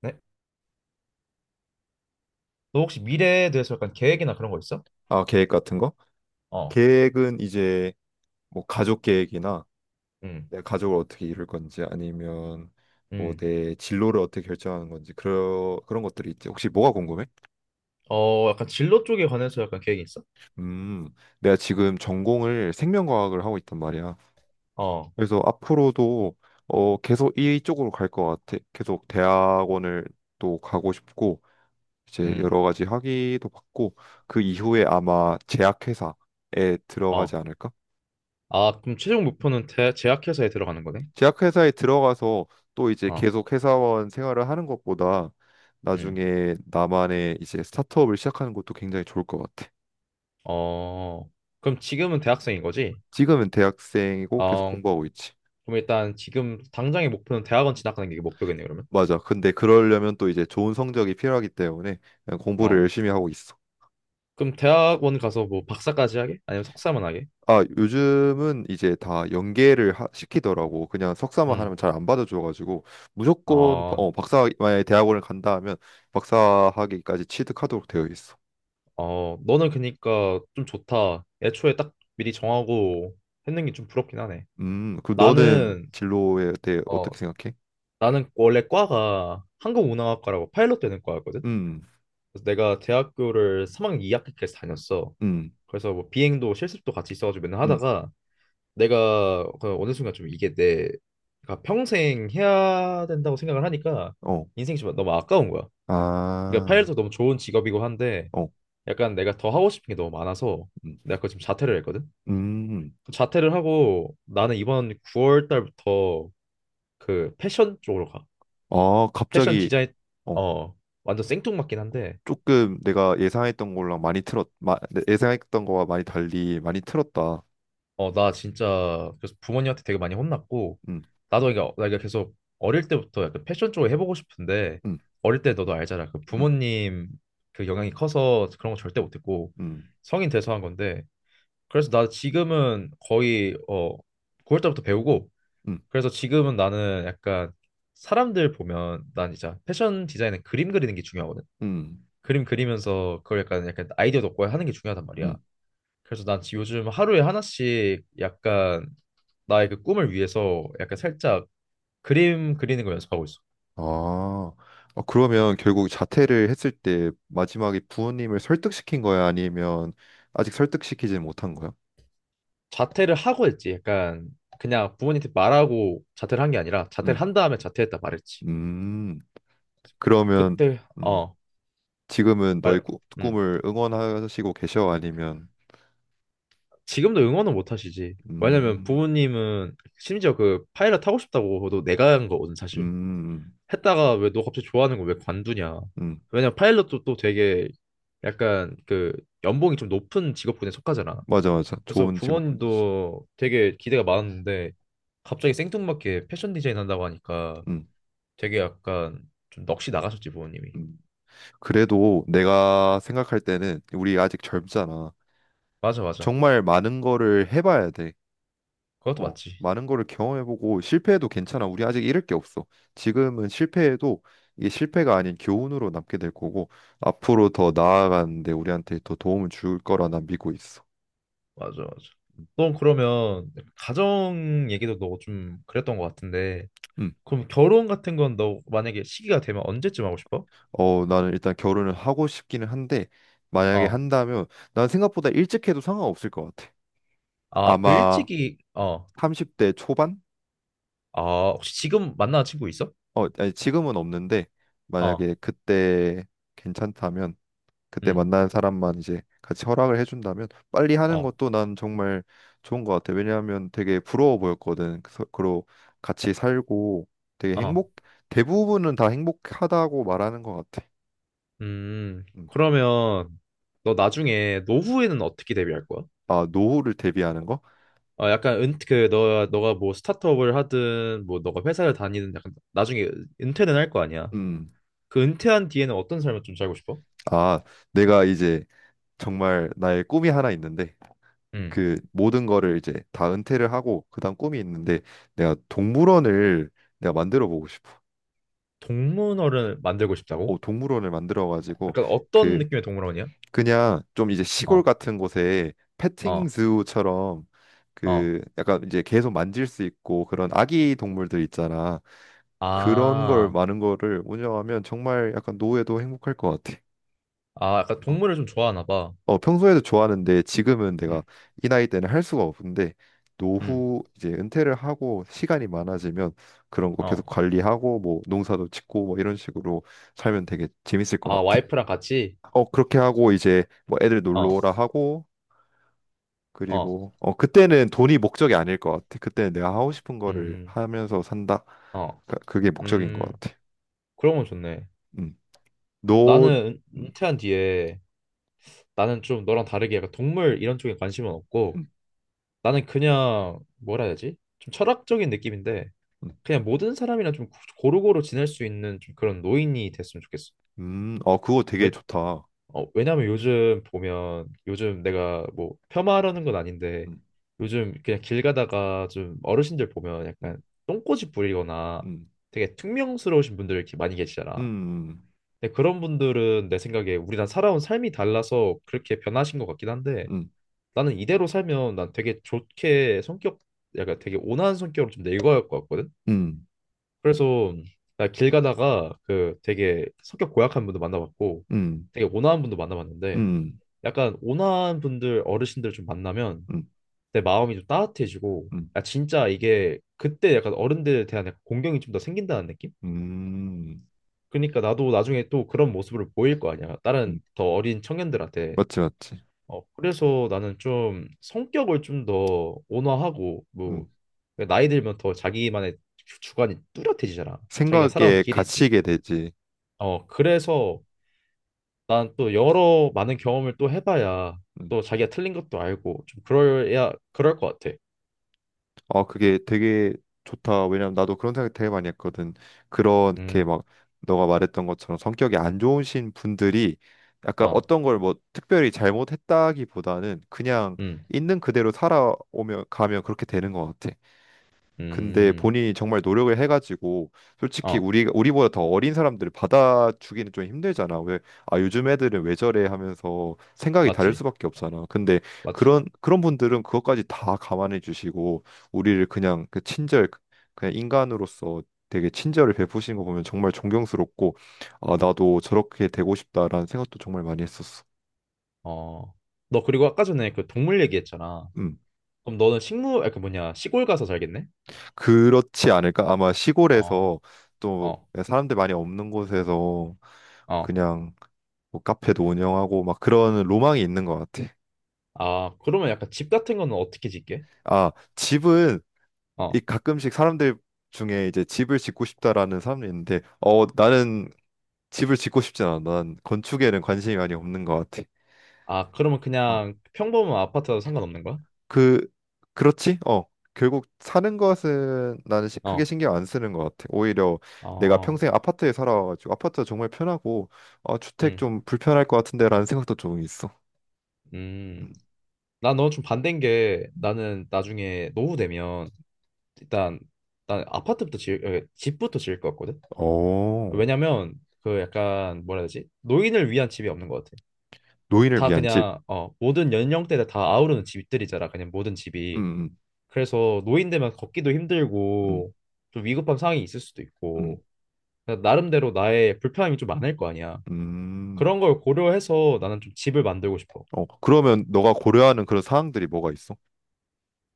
네? 너 혹시 미래에 대해서 약간 계획이나 그런 거 있어? 아, 계획 같은 거? 어, 계획은 이제 뭐 가족 계획이나 음, 내 가족을 어떻게 이룰 건지 아니면 뭐 음. 내 진로를 어떻게 결정하는 건지 그런 것들이 있지. 혹시 뭐가 궁금해? 어, 약간 진로 쪽에 관해서 약간 계획이 있어? 음, 내가 지금 전공을 생명과학을 하고 있단 말이야. 어, 그래서 앞으로도 계속 이쪽으로 갈 것 같아. 계속 대학원을 또 가고 싶고 이제 음, 여러 가지 학위도 받고 그 이후에 아마 제약회사에 들어가지 어. 않을까? 아, 그럼 최종 목표는 제약회사에 들어가는 거네? 제약회사에 들어가서 또 이제 어, 계속 회사원 생활을 하는 것보다 음, 나중에 나만의 이제 스타트업을 시작하는 것도 굉장히 좋을 것 같아. 어. 그럼 지금은 대학생인 거지? 지금은 대학생이고 계속 어, 공부하고 있지. 그럼 일단 지금 당장의 목표는 대학원 진학하는 게 목표겠네, 그러면? 맞아. 근데 그러려면 또 이제 좋은 성적이 필요하기 때문에 그냥 공부를 어. 열심히 하고 있어. 그럼 대학원 가서 뭐 박사까지 하게? 아니면 석사만 하게? 아, 요즘은 이제 다 연계를 시키더라고. 그냥 석사만 응, 하면 잘 안 받아줘가지고 무조건 아, 박사, 만약에 대학원을 간다 하면 박사학위까지 취득하도록 되어 있어. 어. 너는 그니까 좀 좋다. 애초에 딱 미리 정하고 했는 게 좀 부럽긴 하네. 그 너는 나는 진로에 대해 어, 어떻게 생각해? 나는 원래 과가 항공운항학과라고 파일럿 되는 과였거든. 음, 그래서 내가 대학교를 3학년 2학기까지 다녔어. 음, 그래서 뭐 비행도 실습도 같이 있어가지고 맨날 음, 하다가 내가 그 어느 순간 좀 이게 내가 평생 해야 된다고 생각을 하니까 어, 인생이 좀 너무 아까운 거야. 그러니까 아, 파일럿도 너무 좋은 직업이고 한데 어, 약간 내가 더 하고 싶은 게 너무 많아서 음, 내가 그거 지금 자퇴를 했거든. 음, 자퇴를 하고 나는 이번 9월 달부터 그 패션 쪽으로 가. 아, 패션 갑자기, 디자인. 어, 어, 완전 생뚱맞긴 한데. 조금 내가 예상했던 거랑 많이 예상했던 거와 많이 달리 많이 틀었다. 어, 나 진짜 그래서 부모님한테 되게 많이 혼났고. 음, 나도 이게 나 이게 계속 어릴 때부터 약간 패션 쪽을 해보고 싶은데 음, 어릴 때 너도 알잖아 그 음, 부모님, 그 영향이 커서 그런 거 절대 못했고 음, 성인 돼서 한 건데 그래서 나 지금은 거의 어 9월 때부터 배우고 음, 그래서 지금은 나는 약간 사람들 보면 난 진짜 패션 디자인은 그림 그리는 게 중요하거든. 음, 그림 그리면서 그걸 약간 아이디어 얻고 하는 게 중요하단 말이야. 음, 그래서 난 요즘 하루에 하나씩 약간 나의 그 꿈을 위해서 약간 살짝 그림 그리는 걸 연습하고 있어. 아, 아, 그러면 결국 자퇴를 했을 때 마지막에 부모님을 설득시킨 거야? 아니면 아직 설득시키지 못한 거야? 자퇴를 하고 했지. 약간 그냥 부모님한테 말하고 자퇴를 한 게 아니라 자퇴를 음, 한 다음에 자퇴했다 말했지. 음. 그러면 그때 음, 어, 지금은 너의 말, 음. 꿈을 응원하시고 계셔? 아니면 지금도 응원은 못 하시지. 왜냐면 음, 부모님은 심지어 그 파일럿 하고 싶다고도 내가 한 거거든 사실. 음, 했다가 왜 너 갑자기 좋아하는 거 왜 관두냐. 음, 왜냐면 파일럿도 또 되게 약간 그 연봉이 좀 높은 직업군에 속하잖아. 맞아, 맞아. 그래서 좋은 직업군이지. 부모님도 되게 기대가 많았는데 갑자기 생뚱맞게 패션 디자인 한다고 하니까 음, 되게 약간 좀 넋이 나가셨지 부모님이. 음. 그래도 내가 생각할 때는 우리 아직 젊잖아. 맞아 맞아. 정말 많은 거를 해봐야 돼. 그것도 어, 맞지. 많은 거를 경험해보고 실패해도 괜찮아. 우리 아직 잃을 게 없어. 지금은 실패해도 이게 실패가 아닌 교훈으로 남게 될 거고 앞으로 더 나아가는데 우리한테 더 도움을 줄 거라 난 믿고 있어. 맞아 맞아. 음. 넌 그러면 가정 얘기도 너 좀 그랬던 것 같은데 음. 그럼 결혼 같은 건 너 만약에 시기가 되면 언제쯤 하고 싶어? 어, 나는 일단 결혼을 하고 싶기는 한데 만약에 어. 한다면 난 생각보다 일찍 해도 상관없을 것 같아. 아, 그 아마 일찍이 어. 30대 초반? 아, 혹시 지금 만나는 친구 있어? 어, 아니, 지금은 없는데 어. 만약에 그때 괜찮다면 그때 응. 만나는 사람만 이제 같이 허락을 해준다면 빨리 하는 어. 것도 난 정말 좋은 것 같아. 왜냐하면 되게 부러워 보였거든. 그래서 그 같이 살고 되게 어. 행복 대부분은 다 행복하다고 말하는 것 같아. 음. 그러면 너 나중에 노후에는 어떻게 대비할 거야? 아, 노후를 대비하는 거? 어, 약간 은, 그, 너가 뭐 스타트업을 하든, 뭐 너가 회사를 다니든, 약간 나중에 은퇴는 할 거 아니야. 음. 그 은퇴한 뒤에는 어떤 삶을 좀 살고 싶어? 아, 내가 이제 정말 나의 꿈이 하나 있는데 음, 그 모든 거를 이제 다 은퇴를 하고 그다음 꿈이 있는데 내가 동물원을 내가 만들어 보고 싶어. 동물원을 만들고 싶다고? 어, 동물원을 만들어 가지고 약간 어떤 그 느낌의 동물원이야? 그냥 좀 이제 시골 어, 같은 곳에 패팅 어, 즈우처럼 어. 그 약간 이제 계속 만질 수 있고 그런 아기 동물들 있잖아. 그런 걸 아, 많은 거를 운영하면 정말 약간 노후에도 행복할 것 같아. 아, 약간 동물을 좀 좋아하나 봐. 어, 평소에도 좋아하는데 지금은 내가 음, 이 나이 때는 할 수가 없는데 음, 노후 이제 은퇴를 하고 시간이 많아지면 그런 거 계속 어. 관리하고 뭐 농사도 짓고 뭐 이런 식으로 살면 되게 재밌을 것 아, 같아. 와이프랑 같이? 어, 그렇게 하고 이제 뭐 애들 놀러 어, 오라 하고 어, 그리고 어, 그때는 돈이 목적이 아닐 것 같아. 그때는 내가 하고 싶은 거를 음, 하면서 산다. 어, 그게 목적인 것 음, 같아. 그런 건 좋네. 음. 너 나는 음, 퇴한 뒤에 나는 좀 너랑 다르게 약간 동물 이런 쪽에 관심은 없고 음, 나는 그냥 뭐라 해야 되지? 좀 철학적인 느낌인데 음. 그냥 모든 사람이랑 좀 고루고루 지낼 수 있는 좀 그런 노인이 됐으면 좋겠어. 어, 그거 되게 왜, 좋다. 어, 왜냐면 요즘 보면 요즘 내가 뭐 폄하하려는 건 아닌데 음, 요즘 그냥 길 가다가 좀 어르신들 보면 음, 약간 똥꼬집 부리거나 음, 되게 퉁명스러우신 분들 이렇게 많이 계시잖아. 음. 근데 그런 분들은 내 생각에 우리랑 살아온 삶이 달라서 그렇게 변하신 것 같긴 한데 음. 나는 이대로 살면 난 되게 좋게 성격, 약간 되게 온화한 성격으로 좀 늙어갈 것 같거든. 음, 그래서 나 길 가다가 그 되게 성격 고약한 분도 만나봤고 음, 되게 온화한 분도 만나봤는데 음, 약간 온화한 분들 어르신들 좀 만나면 음, 내 마음이 좀 따뜻해지고 음, 아 진짜 이게 그때 약간 어른들에 대한 약간 공경이 좀 더 생긴다는 느낌? 음, 그러니까 나도 나중에 또 그런 모습을 보일 거 아니야. 다른 음. 더 어린 청년들한테. 맞지, 맞지. 어, 그래서 나는 좀 성격을 좀 더 온화하고 음. 뭐 나이 들면 더 자기만의 주관이 뚜렷해지잖아. 자기가 살아온 생각에 길이 있으니까. 갇히게 되지. 어, 그래서 난 또 여러 많은 경험을 또 해봐야 음. 또 자기가 틀린 것도 알고 좀 그럴야 그럴 것 같아. 어, 그게 되게 좋다. 왜냐면 나도 그런 생각 되게 많이 했거든. 그렇게 음, 막 너가 말했던 것처럼 성격이 안 좋으신 분들이 약간 어, 어떤 걸 뭐 특별히 잘못했다기보다는 그냥 음, 있는 그대로 살아오며 가면 그렇게 되는 것 같아. 근데 음, 본인이 정말 노력을 해가지고 솔직히 어, 우리보다 더 어린 사람들을 받아주기는 좀 힘들잖아. 왜 아 요즘 애들은 왜 저래 하면서 생각이 다를 맞지, 수밖에 없잖아. 근데 맞지. 그런 분들은 그것까지 다 감안해 주시고 우리를 그냥 그 친절 그냥 인간으로서 되게 친절을 베푸시는 거 보면 정말 존경스럽고 아 나도 저렇게 되고 싶다라는 생각도 정말 많이 했었어. 어, 너 그리고 아까 전에 그 동물 얘기했잖아. 음. 그럼 너는 그 뭐냐 시골 가서 살겠네? 그렇지 않을까? 아마 어, 시골에서 또 어, 사람들 많이 없는 곳에서 어. 그냥 뭐 카페도 운영하고 막 그런 로망이 있는 것 같아. 아, 그러면 약간 집 같은 거는 어떻게 짓게? 아, 집은 이 어. 가끔씩 사람들 중에 이제 집을 짓고 싶다라는 사람이 있는데, 어, 나는 집을 짓고 싶지 않아. 난 건축에는 관심이 많이 없는 것 같아. 아, 그러면 어. 그냥 평범한 아파트라도 상관없는 거야? 그 그렇지? 어. 결국 사는 것은 나는 크게 어. 신경 안 쓰는 것 같아. 오히려 내가 어. 평생 아파트에 살아가지고 아파트가 정말 편하고 어, 주택 음. 좀 불편할 것 같은데라는 생각도 좀 있어. 음. 음. 나 너랑 좀 반대인 게 나는 나중에 노후 되면 일단 난 집부터 지을 것 같거든. 어, 왜냐면 그 약간 뭐라 해야 되지? 노인을 위한 집이 없는 것 같아. 노인을 다 위한 집. 그냥 어, 모든 연령대를 다 아우르는 집들이잖아. 그냥 모든 집이. 음, 그래서 노인 되면 걷기도 음, 힘들고 좀 위급한 상황이 있을 수도 음, 있고 그러니까 나름대로 나의 불편함이 좀 많을 거 아니야. 음. 그런 걸 고려해서 나는 좀 집을 만들고 싶어. 어, 그러면 너가 고려하는 그런 사항들이 뭐가 있어?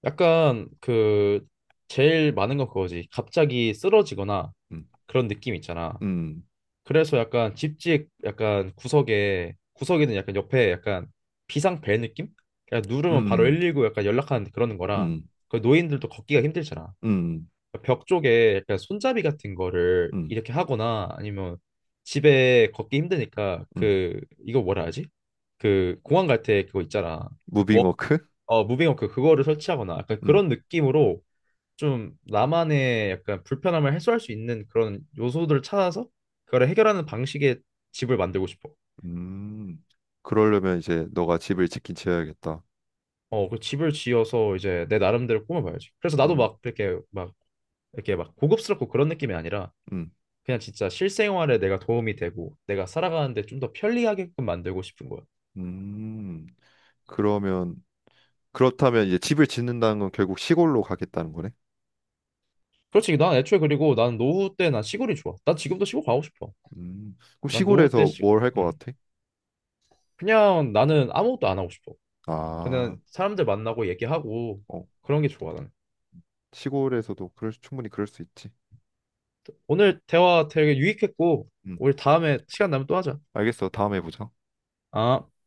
약간 그 제일 많은 건 그거지. 갑자기 쓰러지거나 음, 그런 느낌 있잖아. 음, 그래서 약간 집집 약간 구석에는 약간 옆에 약간 비상 벨 느낌? 그냥 누르면 바로 음, 119 약간 연락하는 그런 거라 음, 그 노인들도 걷기가 힘들잖아. 음, 음, 벽 쪽에 약간 손잡이 같은 거를 음. 이렇게 하거나 아니면 집에 걷기 힘드니까 음. 그 이거 뭐라 하지? 그 공항 갈 때 그거 있잖아. 워 무빙워크? 어, 무빙 워크 그거를 설치하거나 약간 음, 그런 느낌으로 좀 나만의 약간 불편함을 해소할 수 있는 그런 요소들을 찾아서 그걸 해결하는 방식의 집을 만들고 싶어. 음. 그러려면 이제 너가 집을 짓긴 지어야겠다. 어, 그 집을 지어서 이제 내 나름대로 꾸며봐야지. 그래서 나도 음, 막 이렇게 막 고급스럽고 그런 느낌이 아니라 음, 그냥 진짜 실생활에 내가 도움이 되고 내가 살아가는데 좀 더 편리하게끔 만들고 싶은 거야. 음. 그러면 그렇다면 이제 집을 짓는다는 건 결국 시골로 가겠다는 거네. 그렇지. 난 애초에 그리고 난 노후 때 난 시골이 좋아. 난 지금도 시골 가고 싶어. 음. 그럼 난 노후 때 시골에서 시... 뭘 할 것 음. 같아? 그냥 나는 아무것도 안 하고 싶어. 아, 그냥 사람들 만나고 얘기하고 어, 그런 게 좋아 나는. 시골에서도 그럴 충분히 그럴 수 있지. 오늘 대화 되게 유익했고 음, 우리 다음에 시간 나면 또 하자. 알겠어. 다음에 보자. 아.